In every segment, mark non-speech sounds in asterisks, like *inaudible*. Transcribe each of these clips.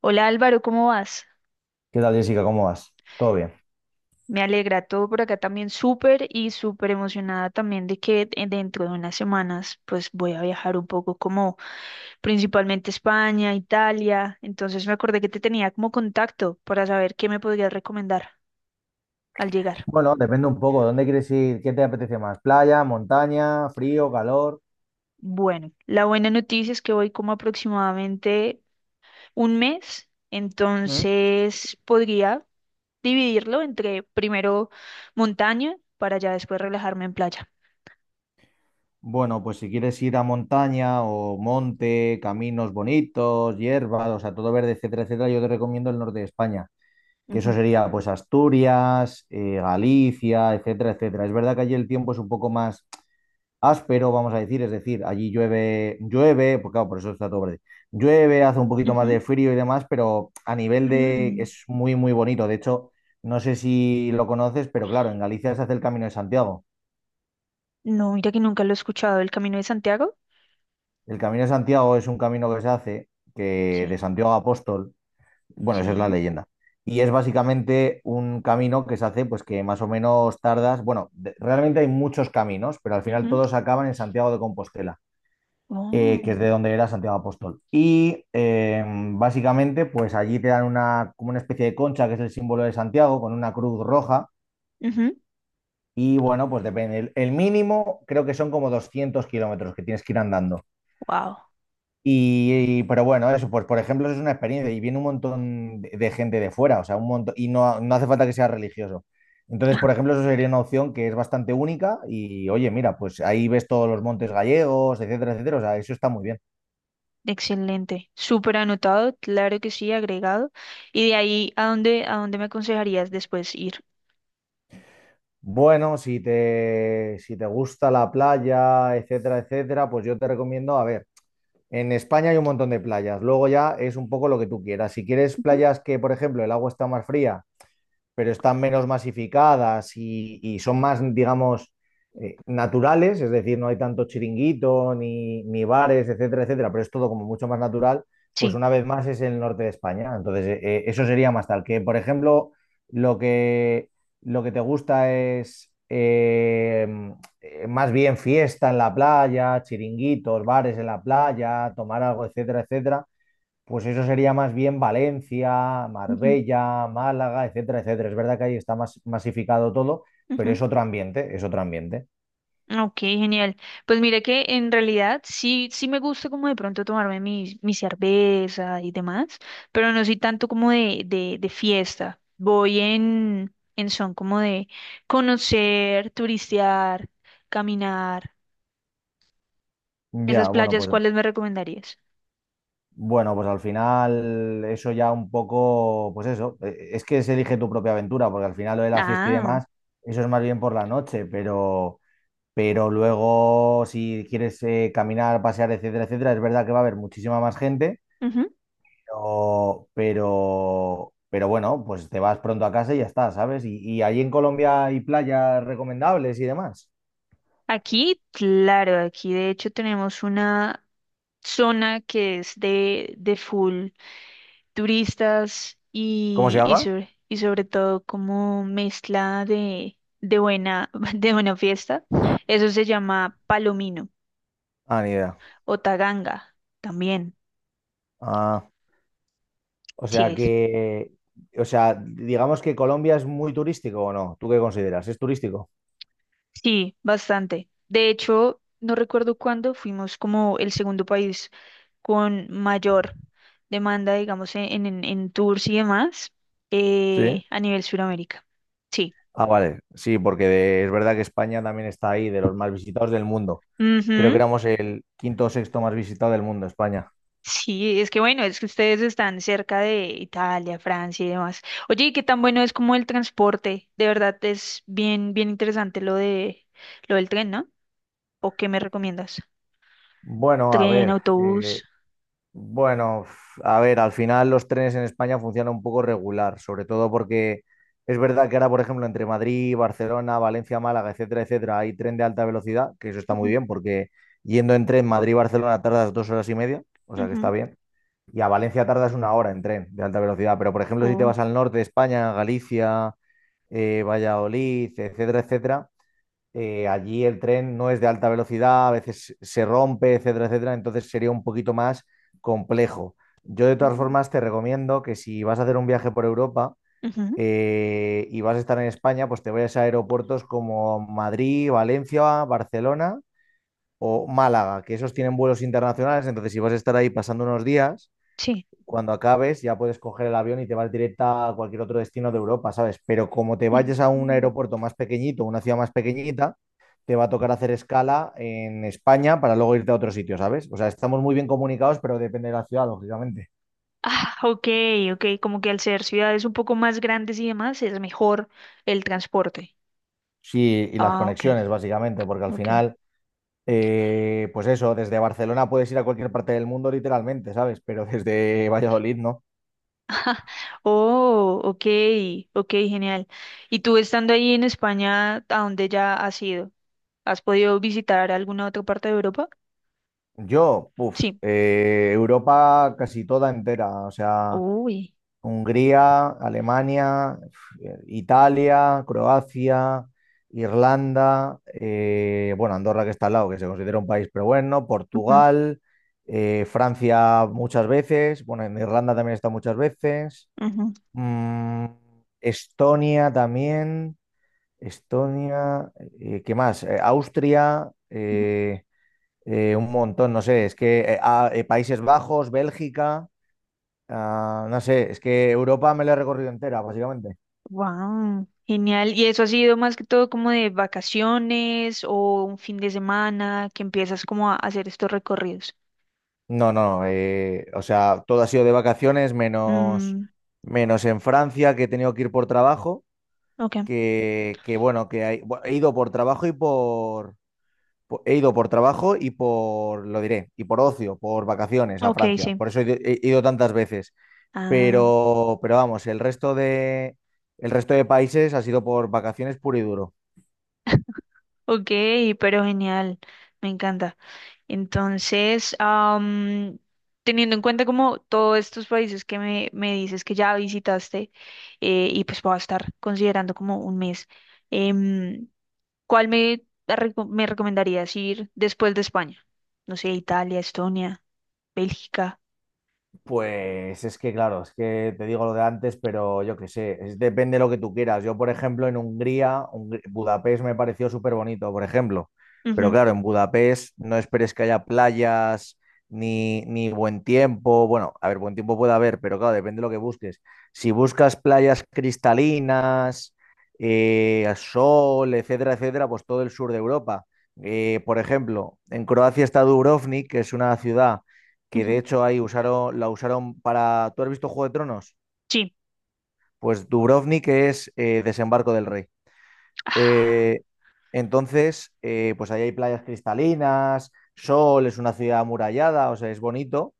Hola Álvaro, ¿cómo vas? ¿Qué tal, Jessica? ¿Cómo vas? ¿Todo bien? Me alegra todo por acá también. Súper y súper emocionada también de que dentro de unas semanas pues voy a viajar un poco como principalmente España, Italia. Entonces me acordé que te tenía como contacto para saber qué me podrías recomendar al llegar. Bueno, depende un poco. ¿Dónde quieres ir? ¿Qué te apetece más? ¿Playa, montaña, frío, calor? Bueno, la buena noticia es que voy como aproximadamente un mes, ¿Mm? entonces podría dividirlo entre primero montaña para ya después relajarme en playa. Bueno, pues si quieres ir a montaña o monte, caminos bonitos, hierbas, o sea, todo verde, etcétera, etcétera, yo te recomiendo el norte de España, que eso Ujú, sería pues Asturias, Galicia, etcétera, etcétera. Es verdad que allí el tiempo es un poco más áspero, vamos a decir, es decir, allí llueve, llueve, pues claro, por eso está todo verde. Llueve, hace un poquito más de ujú. frío y demás, pero a nivel de Mm. es muy, muy bonito. De hecho, no sé si lo conoces, pero claro, en Galicia se hace el Camino de Santiago. No, mira que nunca lo he escuchado. ¿El Camino de Santiago? El Camino de Santiago es un camino que se hace, que Sí, de Santiago a Apóstol, bueno, esa es la sí. leyenda. Y es básicamente un camino que se hace, pues que más o menos tardas. Bueno, realmente hay muchos caminos, pero al final Ujú. todos acaban en Santiago de Compostela. Que es Oh, de donde era Santiago Apóstol. Y básicamente, pues allí te dan una, como una especie de concha, que es el símbolo de Santiago, con una cruz roja. ujú. Y bueno, pues depende. El mínimo creo que son como 200 kilómetros que tienes que ir andando. Wow. Pero bueno, eso, pues por ejemplo, eso es una experiencia y viene un montón de gente de fuera, o sea, un montón, y no, no hace falta que sea religioso. Entonces, por *laughs* ejemplo, eso sería una opción que es bastante única y oye, mira, pues ahí ves todos los montes gallegos, etcétera, etcétera, o sea, eso está muy bien. Excelente. Súper anotado, claro que sí, agregado. Y de ahí, ¿a dónde me aconsejarías después ir? Bueno, si te gusta la playa, etcétera, etcétera, pues yo te recomiendo, a ver, en España hay un montón de playas, luego ya es un poco lo que tú quieras. Si quieres Ujú. playas que, por ejemplo, el agua está más fría pero están menos masificadas y son más, digamos, naturales, es decir, no hay tanto chiringuito ni bares, etcétera, etcétera, pero es todo como mucho más natural, pues Sí. una vez más es el norte de España. Entonces, eso sería más tal. Que, por ejemplo, lo que, lo que te gusta es más bien fiesta en la playa, chiringuitos, bares en la playa, tomar algo, etcétera, etcétera. Pues eso sería más bien Valencia, Ujú, Marbella, Málaga, etcétera, etcétera. Es verdad que ahí está más masificado todo, pero ujú. es otro ambiente, es otro ambiente. Ok, genial. Pues mire que en realidad sí, sí me gusta como de pronto tomarme mi cerveza y demás, pero no soy tanto como de fiesta. Voy en son como de conocer, turistear, caminar. Ya, Esas playas, ¿cuáles me recomendarías? bueno, pues al final eso ya un poco, pues eso, es que se elige tu propia aventura, porque al final lo de la fiesta y Ah, demás, eso es más bien por la noche, pero luego si quieres caminar, pasear, etcétera, etcétera, es verdad que va a haber muchísima más gente. ujú. Pero bueno, pues te vas pronto a casa y ya está, ¿sabes? Y allí en Colombia hay playas recomendables y demás. Aquí, claro, aquí de hecho tenemos una zona que es de full turistas ¿Cómo se y, y, llama? sobre, y sobre todo como mezcla de buena, *laughs* de buena fiesta. Eso se llama Palomino Ah, ni idea. o Taganga también, Ah, o sí sea es. que, o sea, digamos que Colombia es muy turístico o no. ¿Tú qué consideras? ¿Es turístico? Sí, bastante. De hecho, no recuerdo cuándo fuimos como el segundo país con mayor demanda, digamos, en tours y demás Sí. A nivel Sudamérica. Sí. Ah, vale. Sí, porque es verdad que España también está ahí, de los más visitados del mundo. Creo que Ujú. éramos el quinto o sexto más visitado del mundo, España. Sí, es que bueno, es que ustedes están cerca de Italia, Francia y demás. Oye, ¿y qué tan bueno es como el transporte? De verdad es bien, bien interesante lo de lo del tren, ¿no? ¿O qué me recomiendas? Bueno, a Tren, ver, autobús. Bueno, a ver, al final los trenes en España funcionan un poco regular, sobre todo porque es verdad que ahora, por ejemplo, entre Madrid, Barcelona, Valencia, Málaga, etcétera, etcétera, hay tren de alta velocidad, que eso está muy Ujú, bien, porque yendo en tren Madrid-Barcelona tardas 2 horas y media, o sea que está ujú, bien, y a Valencia tardas 1 hora en tren de alta velocidad, pero por ejemplo, si te o- vas al norte de España, Galicia, Valladolid, etcétera, etcétera, allí el tren no es de alta velocidad, a veces se rompe, etcétera, etcétera, entonces sería un poquito más complejo. Yo de todas ujú, formas te recomiendo que si vas a hacer un viaje por Europa ujú. Y vas a estar en España, pues te vayas a aeropuertos como Madrid, Valencia, Barcelona o Málaga, que esos tienen vuelos internacionales, entonces si vas a estar ahí pasando unos días, Sí. cuando acabes ya puedes coger el avión y te vas directa a cualquier otro destino de Europa, ¿sabes? Pero como te vayas a un Ujú. aeropuerto más pequeñito, una ciudad más pequeñita, te va a tocar hacer escala en España para luego irte a otro sitio, ¿sabes? O sea, estamos muy bien comunicados, pero depende de la ciudad, lógicamente. Ah, ok, ok, como que al ser ciudades un poco más grandes y demás es mejor el transporte. Sí, y las Ah, ok, conexiones, básicamente, porque al ok. final, pues eso, desde Barcelona puedes ir a cualquier parte del mundo, literalmente, ¿sabes? Pero *laughs* desde Valladolid, ¿no? Oh, ok, ok, genial. ¿Y tú estando ahí en España, a dónde ya has ido? ¿Has podido visitar alguna otra parte de Europa? Yo, puff, Sí. Europa casi toda entera, o sea, Uy. Hungría, Alemania, Italia, Croacia, Irlanda, bueno, Andorra que está al lado, que se considera un país, pero bueno, Ujú, Portugal, Francia muchas veces, bueno, en Irlanda también está muchas veces, ujú, mm, Estonia también, Estonia, ¿qué más? Austria, ujú. Un montón, no sé, es que Países Bajos, Bélgica. Ah, no sé, es que Europa me la he recorrido entera, básicamente. Wow. Genial. ¿Y eso ha sido más que todo como de vacaciones o un fin de semana que empiezas como a hacer estos recorridos? No, no, no, o sea, todo ha sido de vacaciones, menos, Mm, en Francia, que he tenido que ir por trabajo, ok, que bueno, he ido por trabajo y por, he ido por trabajo y por, lo diré, y por ocio, por vacaciones a ok, Francia. sí. Por eso he ido tantas veces. Ah, Pero vamos, el resto de países ha sido por vacaciones puro y duro. ok, pero genial. Me encanta. Entonces, teniendo en cuenta como todos estos países que me dices que ya visitaste, y pues voy a estar considerando como un mes, em, ¿cuál me, me recomendarías ir después de España? No sé, Italia, Estonia, Bélgica. Pues es que, claro, es que te digo lo de antes, pero yo qué sé, depende de lo que tú quieras. Yo, por ejemplo, en Hungría, Budapest me pareció súper bonito, por ejemplo. Pero Ujú, claro, en Budapest no esperes que haya playas ni buen tiempo. Bueno, a ver, buen tiempo puede haber, pero claro, depende de lo que busques. Si buscas playas cristalinas, sol, etcétera, etcétera, pues todo el sur de Europa. Por ejemplo, en Croacia está Dubrovnik, que es una ciudad que de ujú. hecho ahí usaron, la usaron para. ¿Tú has visto Juego de Tronos? Sí. Pues Dubrovnik es Desembarco del Rey. Ah, Eh, entonces, pues ahí hay playas cristalinas, sol, es una ciudad amurallada, o sea, es bonito.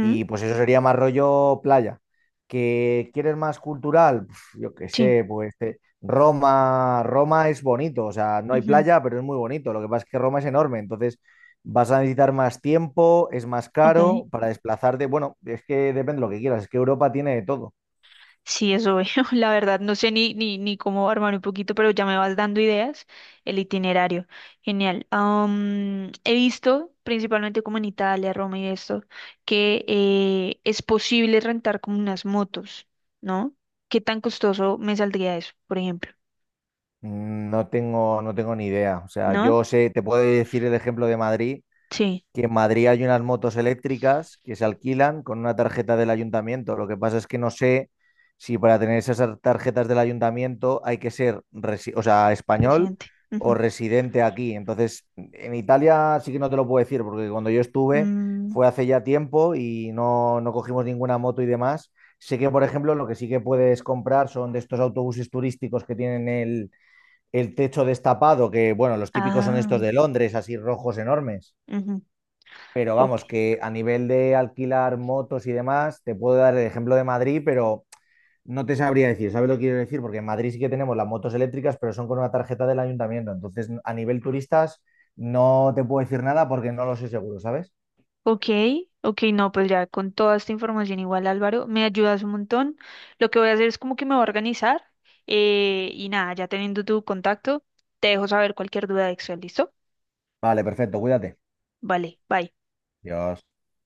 Y pues eso sería más rollo playa. ¿Que quieres más cultural? Pf, yo qué sí. sé, pues Roma, Roma es bonito, o sea, no hay Ujú. playa, pero es muy bonito. Lo que pasa es que Roma es enorme, entonces vas a necesitar más tiempo, es más Ok. caro para desplazarte. Bueno, es que depende de lo que quieras, es que Europa tiene de todo. Sí, eso veo. *laughs* La verdad, no sé ni cómo armar un poquito, pero ya me vas dando ideas. El itinerario. Genial. Am, he visto, principalmente como en Italia, Roma y esto, que es posible rentar como unas motos, ¿no? ¿Qué tan costoso me saldría eso, por ejemplo? No tengo, ni idea. O sea, ¿No? yo sé, te puedo decir el ejemplo de Madrid, Sí, que en Madrid hay unas motos eléctricas que se alquilan con una tarjeta del ayuntamiento. Lo que pasa es que no sé si para tener esas tarjetas del ayuntamiento hay que ser, o sea, español presidente. o Ujú. residente aquí. Entonces, en Italia sí que no te lo puedo decir, porque cuando yo estuve Mm, fue hace ya tiempo y no, no cogimos ninguna moto y demás. Sé que, por ejemplo, lo que sí que puedes comprar son de estos autobuses turísticos que tienen el techo destapado, que bueno, los típicos son ah, estos de Londres, así rojos enormes. ujú. Pero Ok. vamos, que a nivel de alquilar motos y demás, te puedo dar el ejemplo de Madrid, pero no te sabría decir, ¿sabes lo que quiero decir? Porque en Madrid sí que tenemos las motos eléctricas, pero son con una tarjeta del ayuntamiento. Entonces, a nivel turistas, no te puedo decir nada porque no lo sé seguro, ¿sabes? Ok, ok, no, pues ya con toda esta información igual Álvaro, me ayudas un montón. Lo que voy a hacer es como que me voy a organizar, y nada, ya teniendo tu contacto, te dejo saber cualquier duda de Excel, ¿listo? Vale, perfecto, cuídate. Vale, bye. Dios.